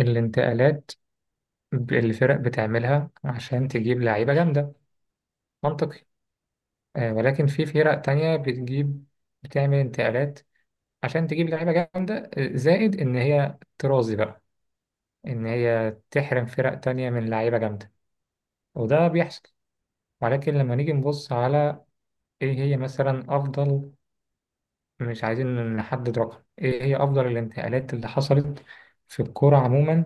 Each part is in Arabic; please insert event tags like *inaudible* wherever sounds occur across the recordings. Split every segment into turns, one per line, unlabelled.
الانتقالات الفرق بتعملها عشان تجيب لعيبة جامدة. منطقي. ولكن في فرق تانية بتجيب بتعمل انتقالات عشان تجيب لعيبة جامدة، زائد إن هي ترازي بقى، إن هي تحرم فرق تانية من لعيبة جامدة. وده بيحصل، ولكن لما نيجي نبص على إيه هي مثلا أفضل، مش عايزين نحدد رقم، ايه هي افضل الانتقالات اللي حصلت في الكورة عموما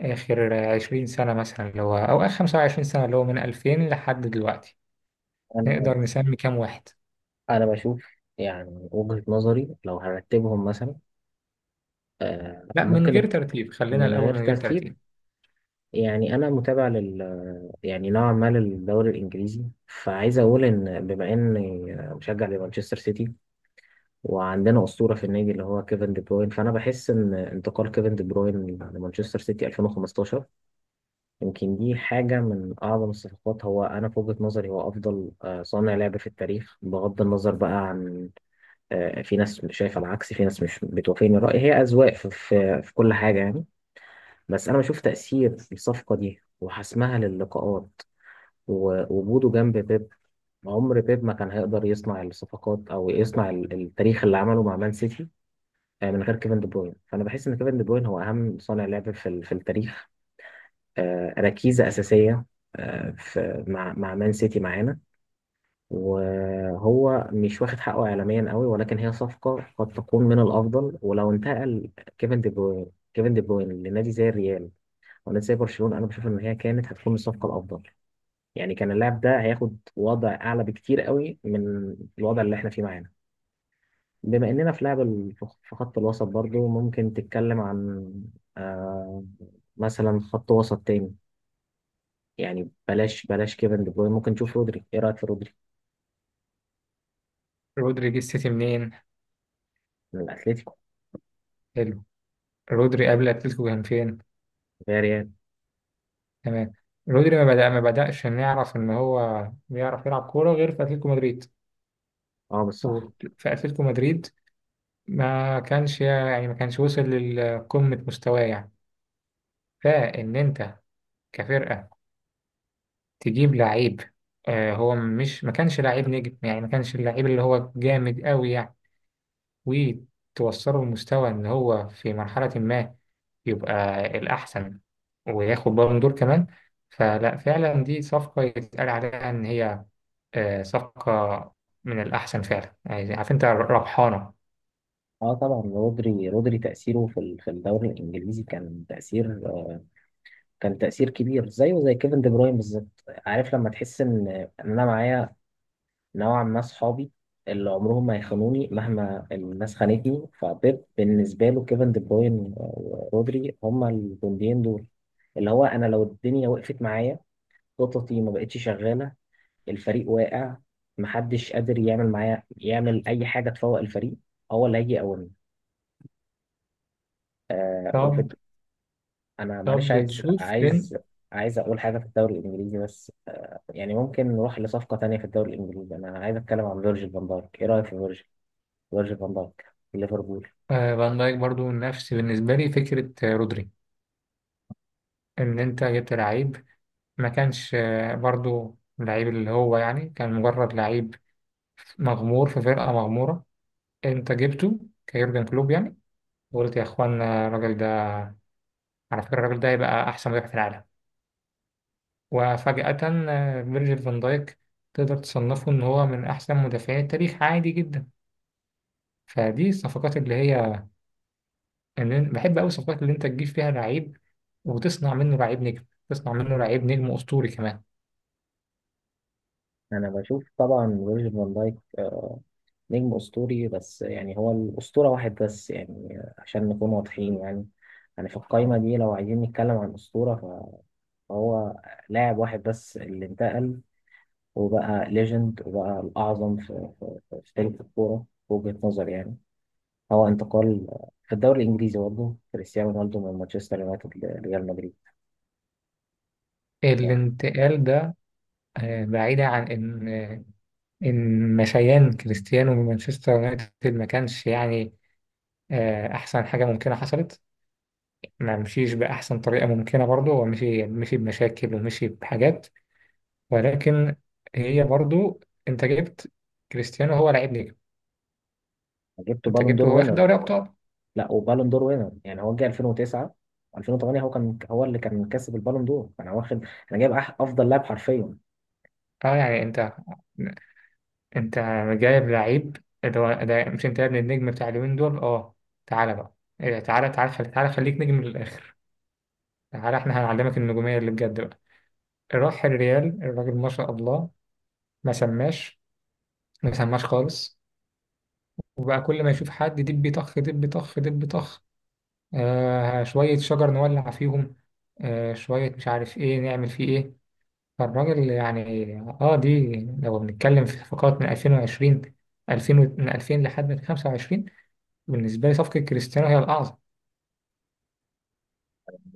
اخر 20 سنة مثلا، اللي هو او اخر 25 سنة، اللي هو من 2000 لحد دلوقتي،
انا
نقدر نسمي كام واحد؟
انا بشوف يعني وجهة نظري لو هرتبهم مثلا. آه
لا، من
ممكن
غير
ابت-
ترتيب، خلينا
من غير
الاول من غير
ترتيب.
ترتيب.
يعني انا متابع يعني نوعا ما للدوري الانجليزي، فعايز اقول ان بما اني مشجع لمانشستر سيتي، وعندنا اسطوره في النادي اللي هو كيفن دي بروين. فانا بحس ان انتقال كيفن دي بروين لمانشستر سيتي 2015 يمكن دي حاجه من اعظم الصفقات. هو انا في وجهة نظري هو افضل صانع لعب في التاريخ، بغض النظر بقى عن. في ناس شايفه العكس، في ناس مش بتوافقني الرأي. هي أذواق في, كل حاجة يعني. بس أنا بشوف تأثير الصفقة دي وحسمها للقاءات ووجوده جنب بيب. عمر بيب ما كان هيقدر يصنع الصفقات أو يصنع التاريخ اللي عمله مع مان سيتي من غير كيفن دي بروين. فأنا بحس إن كيفن دي بروين هو أهم صانع لعب في التاريخ. ركيزة أساسية في مع مان سيتي معانا. وهو مش واخد حقه اعلاميا قوي، ولكن هي صفقه قد تكون من الافضل. ولو انتقل كيفن دي بروين كيفن دي بروين لنادي زي الريال ونادي زي برشلونه، انا بشوف ان هي كانت هتكون الصفقه الافضل. يعني كان اللاعب ده هياخد وضع اعلى بكتير قوي من الوضع اللي احنا فيه معانا. بما اننا في لعب في خط الوسط، برضو ممكن تتكلم عن آه مثلا خط وسط تاني. يعني بلاش بلاش كيفن دي بروين، ممكن نشوف رودري. ايه رايك في رودري؟
رودري جه السيتي منين؟
من الاتليتيكو.
حلو. رودري قبل اتلتيكو كان فين؟
يا ريال.
تمام. رودري ما بدأش نعرف ان هو بيعرف يلعب كورة غير في اتلتيكو مدريد.
اه
وفي
بالصح.
اتلتيكو مدريد ما كانش يعني ما كانش وصل لقمة مستواه يعني. فان انت كفرقه تجيب لعيب، آه هو مش ما كانش لعيب نجم يعني، ما كانش اللعيب اللي هو جامد قوي يعني، وتوصله لمستوى ان هو في مرحله ما يبقى الاحسن وياخد بالون دور كمان. فلا فعلا دي صفقه يتقال عليها ان هي صفقة من الأحسن فعلا يعني، عارف أنت ربحانة.
اه طبعا رودري تأثيره في في الدوري الانجليزي كان تأثير كبير زيه زي كيفن دي بروين بالظبط. عارف لما تحس ان انا معايا نوعا ما صحابي اللي عمرهم ما يخانوني مهما الناس خانتني. فبيب بالنسبة له كيفن دي بروين ورودري هما الجنديين دول، اللي هو انا لو الدنيا وقفت معايا، خططي ما بقتش شغالة، الفريق واقع، محدش قادر يعمل معايا يعمل اي حاجة تفوق الفريق، هو اللي هيجي يقومني.
طب،
انا معلش
طب تشوف فين.
عايز اقول حاجه في الدوري الانجليزي بس. يعني ممكن نروح لصفقه تانية في الدوري الانجليزي. انا عايز اتكلم عن فيرجيل فان دايك. ايه رايك في فيرجيل فان دايك في ليفربول؟
فان دايك برضو نفس بالنسبة لي فكرة رودري، إن أنت جبت لعيب ما كانش برضو لعيب، اللي هو يعني كان مجرد لعيب مغمور في فرقة مغمورة. انت جبته كيورجن كلوب يعني، وقلت يا اخوانا الراجل ده، على فكرة الراجل ده هيبقى احسن مدافع في العالم. وفجأة فيرجيل فان دايك تقدر تصنفه ان هو من احسن مدافعين التاريخ عادي جدا. فدي الصفقات اللي هي اللي بحب قوي، الصفقات اللي انت تجيب فيها لعيب وتصنع منه لعيب نجم، تصنع منه لعيب نجم اسطوري كمان.
انا بشوف طبعا فيرجيل فان دايك نجم اسطوري، بس يعني هو الاسطوره واحد بس يعني. عشان نكون واضحين يعني، يعني في القايمه دي لو عايزين نتكلم عن اسطوره فهو لاعب واحد بس اللي انتقل وبقى ليجند وبقى الاعظم في تاريخ الكوره في وجهه نظري يعني. هو انتقال في الدوري الانجليزي برضه كريستيانو رونالدو من مانشستر يونايتد لريال مدريد. يعني
الانتقال ده، بعيدا عن ان آه، إن مشيان كريستيانو من مانشستر يونايتد ما كانش يعني أحسن حاجة ممكنة حصلت، ما مشيش بأحسن طريقة ممكنة برضه، هو مشي بمشاكل ومشي بحاجات، ولكن هي برضه، أنت جبت كريستيانو، هو لعيب نجم،
جبته
أنت
بالون دور
جبته هو واخد
وينر.
دوري أبطال.
لا، وبالون دور وينر. يعني هو جه 2009. 2008 هو كان هو اللي كان كسب البالون دور. انا واخد، انا جايب افضل لاعب حرفيا.
أه يعني أنت، أنت جايب لعيب، اللي هو ده مش أنت يا ابن النجم بتاع اليومين دول أه. تعالى بقى، إيه، تعالى تعالى تعالى خليك نجم للآخر. تعالى إحنا هنعلمك النجومية اللي بجد بقى. راح الريال الراجل ما شاء الله، ما سماش، ما سماش خالص. وبقى كل ما يشوف حد دب طخ دب طخ دب طخ، آه شوية شجر نولع فيهم، آه شوية مش عارف ايه نعمل فيه ايه. فالراجل يعني، اه دي، لو بنتكلم في صفقات من 2020، 2000 من 2000 لحد 25، بالنسبة لي صفقة كريستيانو هي الأعظم.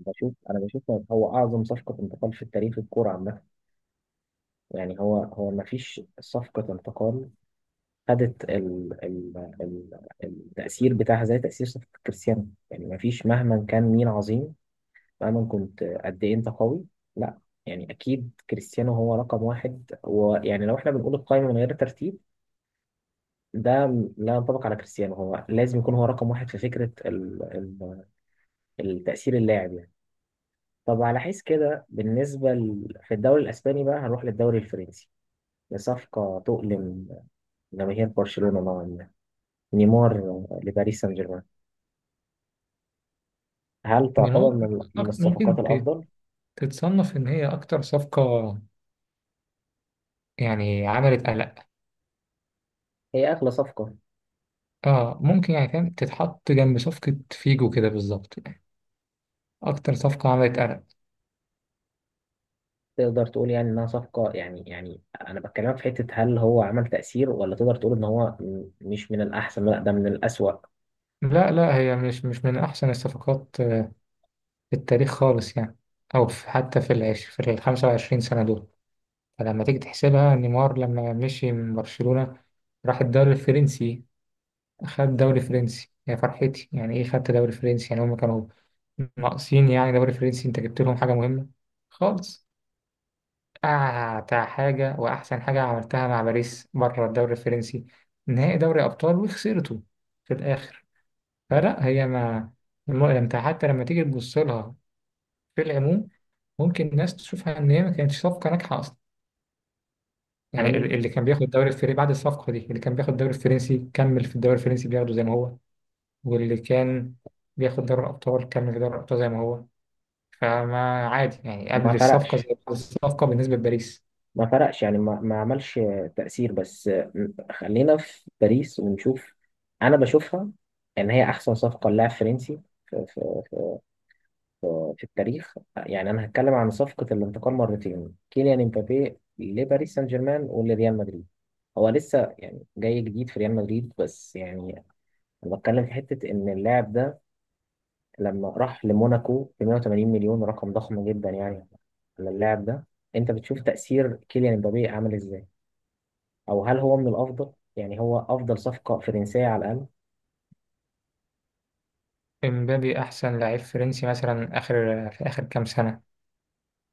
بشوف هو اعظم صفقه انتقال في التاريخ الكوره عامه. يعني هو ما فيش صفقه انتقال خدت التاثير بتاعها زي تاثير صفقه كريستيانو. يعني ما فيش مهما كان مين عظيم، مهما كنت قد ايه انت قوي، لا. يعني اكيد كريستيانو هو رقم واحد. ويعني لو احنا بنقول القائمه من غير ترتيب، ده لا ينطبق على كريستيانو. هو لازم يكون هو رقم واحد في فكره ال ال التاثير اللاعب يعني. طب على حيث كده بالنسبه في الدوري الاسباني بقى هنروح للدوري الفرنسي لصفقه تؤلم جماهير برشلونه نوعا ما: نيمار لباريس سان جيرمان. هل تعتبر
نيمار،
من الصفقات
ممكن
الافضل؟
تتصنف إن هي أكتر صفقة يعني عملت قلق.
هي اغلى صفقه.
اه ممكن، يعني فاهم، تتحط جنب صفقة فيجو كده بالظبط، أكتر صفقة عملت قلق.
تقدر تقول يعني انها صفقة. يعني انا بكلمك في حتة: هل هو عمل تأثير؟ ولا تقدر تقول ان هو مش من الاحسن، لا، ده من الأسوأ.
لا لا، هي مش من أحسن الصفقات في التاريخ خالص يعني، أو في حتى في 25 سنة دول. فلما تيجي تحسبها، نيمار لما مشي من برشلونة راح الدوري الفرنسي، خد دوري فرنسي يا فرحتي، يعني إيه خدت دوري فرنسي؟ يعني هما كانوا ناقصين يعني دوري فرنسي، أنت جبت لهم حاجة مهمة خالص. أعتى حاجة وأحسن حاجة عملتها مع باريس بره الدوري الفرنسي، نهائي دوري أبطال وخسرته في الآخر. فلا هي ما، انت حتى لما تيجي تبص لها في العموم، ممكن الناس تشوفها ان هي ما كانتش صفقه ناجحه اصلا.
انا
يعني
مش
اللي كان بياخد الدوري الفرنسي بعد الصفقه دي اللي كان بياخد الدوري الفرنسي كمل في الدوري الفرنسي بياخده زي ما هو، واللي كان بياخد دوري الابطال كمل في دوري الابطال زي ما هو. فما عادي يعني،
ما
قبل الصفقه زي
فرقش،
بعد الصفقه بالنسبه لباريس.
يعني ما عملش تأثير بس. خلينا في باريس ونشوف. انا بشوفها ان هي احسن صفقة للاعب فرنسي في, في, في, التاريخ. يعني انا هتكلم عن صفقة الانتقال مرتين، كيليان امبابي لباريس سان جيرمان ولريال مدريد. هو لسه يعني جاي جديد في ريال مدريد بس يعني انا بتكلم في حته ان اللاعب ده لما راح لموناكو ب 180 مليون، رقم ضخم جدا يعني على اللاعب ده. انت بتشوف تاثير كيليان امبابي عامل ازاي، او هل هو من الافضل؟ يعني هو افضل صفقه فرنسيه على الاقل.
امبابي احسن لعيب فرنسي مثلا اخر، في اخر كام سنه.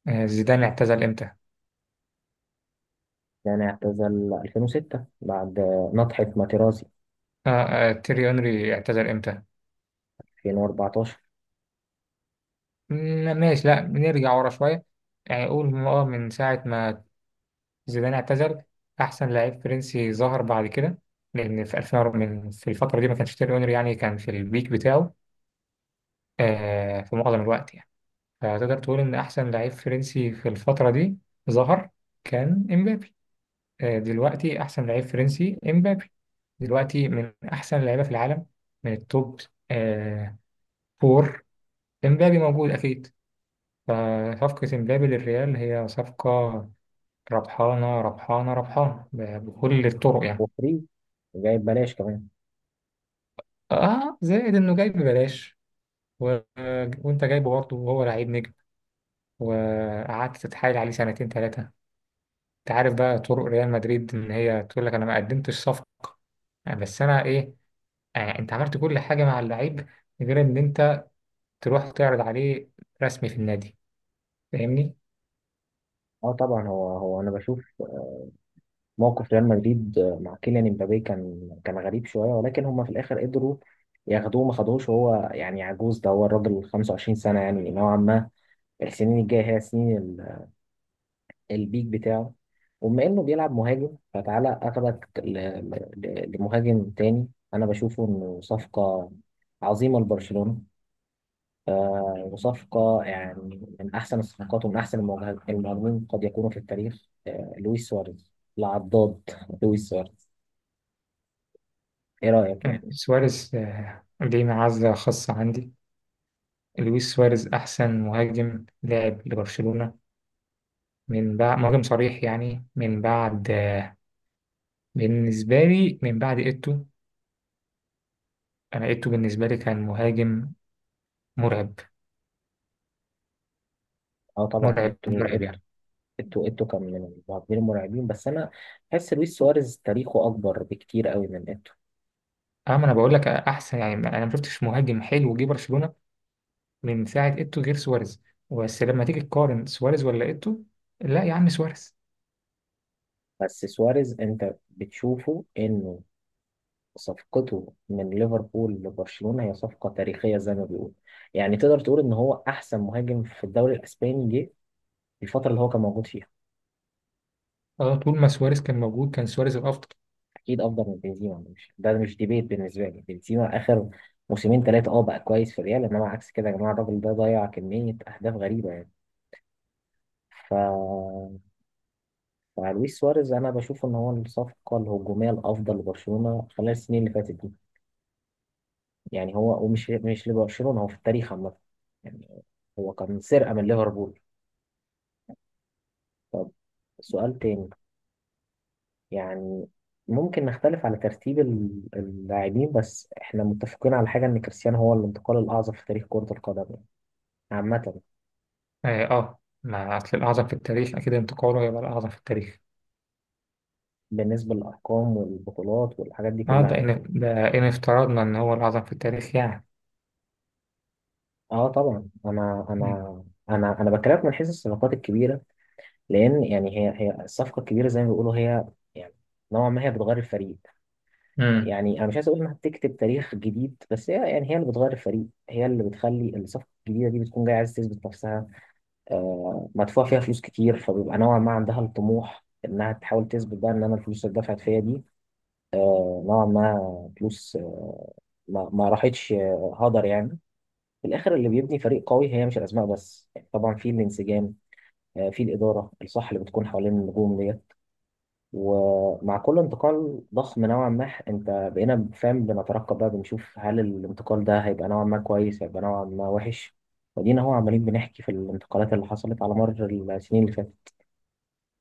زيدان اعتزل امتى؟
يعني اعتزل 2006 بعد نطحه ماتيرازي.
تيري اونري اعتزل امتى؟
2014.
ماشي، لا بنرجع ورا شوية يعني، قول، من ساعة ما زيدان اعتزل، أحسن لعيب فرنسي ظهر بعد كده، لأن في 2000، في الفترة دي ما كانش تيري أونري يعني، كان في البيك بتاعه في معظم الوقت يعني. فتقدر تقول إن أحسن لعيب فرنسي في الفترة دي ظهر، كان إمبابي. آه، دلوقتي أحسن لعيب فرنسي إمبابي، دلوقتي من أحسن اللعيبة في العالم، من التوب آه فور، إمبابي موجود أكيد. فصفقة إمبابي للريال هي صفقة ربحانة ربحانة ربحانة، بكل الطرق يعني.
وفري، جايب بلاش كمان.
اه زائد انه جاي ببلاش، و... وانت جايبه برضه وهو لعيب نجم، وقعدت تتحايل عليه سنتين ثلاثة. انت عارف بقى طرق ريال مدريد ان هي تقول لك انا ما قدمتش صفقة، بس انا ايه؟ آه انت عملت كل حاجة مع اللعيب غير ان انت تروح تعرض عليه رسمي في النادي. فاهمني.
اه طبعا هو هو انا بشوف موقف ريال مدريد مع كيليان امبابي كان غريب شويه، ولكن هم في الاخر قدروا ياخدوه. ما خدوهوش، وهو يعني عجوز، ده هو الراجل 25 سنه يعني نوعا ما. السنين الجايه هي سنين البيك بتاعه. وبما انه بيلعب مهاجم فتعالى اخدك لمهاجم تاني. انا بشوفه انه صفقه عظيمه لبرشلونه، وصفقه يعني من احسن الصفقات ومن احسن المهاجمين قد يكونوا في التاريخ. لويس سواريز العضاد *laughs* لويس سواريز. ايه رايك يعني؟
سواريز، ليه معزة خاصة عندي. لويس سواريز احسن مهاجم لاعب لبرشلونة من بعد مهاجم صريح يعني، من بعد بالنسبة لي من بعد إيتو. أنا إيتو بالنسبة لي كان مهاجم مرعب،
اه طبعا
مرعب مرعب يعني.
ايتو كان من المهاجمين المرعبين. بس انا بحس لويس سواريز تاريخه اكبر بكتير قوي من ايتو.
أما أنا بقول لك أحسن يعني، أنا ما شفتش مهاجم حلو جه برشلونة من ساعة إيتو غير سواريز. بس لما تيجي تقارن سواريز ولا إيتو، لا يا عم سواريز.
بس سواريز، انت بتشوفه انه صفقته من ليفربول لبرشلونة هي صفقة تاريخية زي ما بيقول؟ يعني تقدر تقول ان هو احسن مهاجم في الدوري الاسباني جه في الفترة اللي هو كان موجود فيها؟
أه طول ما سواريز كان موجود كان سواريز الأفضل.
اكيد افضل من بنزيما. مش ده مش ديبيت بالنسبة لي. بنزيما اخر موسمين ثلاثة اه بقى كويس في الريال، انما عكس كده يا جماعة الراجل ده ضيع كمية اهداف غريبة يعني. ف مع لويس سواريز انا بشوف ان هو الصفقه الهجوميه الافضل لبرشلونه خلال السنين اللي فاتت دي. يعني هو، ومش مش لبرشلونه، هو في التاريخ عامه يعني. هو كان سرقه من ليفربول. طب سؤال تاني يعني. ممكن نختلف على ترتيب اللاعبين، بس احنا متفقين على حاجه ان كريستيانو هو الانتقال الاعظم في تاريخ كره القدم يعني عامه.
أه, آه، ما أصل الأعظم في التاريخ أكيد انتقاله هيبقى الأعظم في التاريخ.
بالنسبه للارقام والبطولات والحاجات دي
أه
كلها
ده
يعني.
إن ده إن افترضنا إن هو الأعظم في التاريخ يعني.
اه طبعا انا بكلمك من حيث الصفقات الكبيره، لان يعني هي الصفقه الكبيره زي ما بيقولوا، هي يعني نوعا ما هي بتغير الفريق.
مم.
يعني انا مش عايز اقول انها بتكتب تاريخ جديد، بس هي يعني هي اللي بتغير الفريق، هي اللي بتخلي الصفقه الجديده دي بتكون جايه عايزه تثبت نفسها. آه مدفوع فيها فلوس كتير، فبيبقى نوعا ما عندها الطموح انها تحاول تثبت بقى ان انا الفلوس اللي دفعت فيا دي نوعا ما فلوس ما راحتش هدر يعني. في الاخر اللي بيبني فريق قوي هي مش الاسماء بس يعني، طبعا في الانسجام، في الاداره الصح اللي بتكون حوالين النجوم ديت. ومع كل انتقال ضخم نوعا ما، انت بقينا فاهم بنترقب بقى بنشوف هل الانتقال ده هيبقى نوعا ما كويس، هيبقى نوعا ما وحش. ودينا هو عمالين بنحكي في الانتقالات اللي حصلت على مر السنين اللي فاتت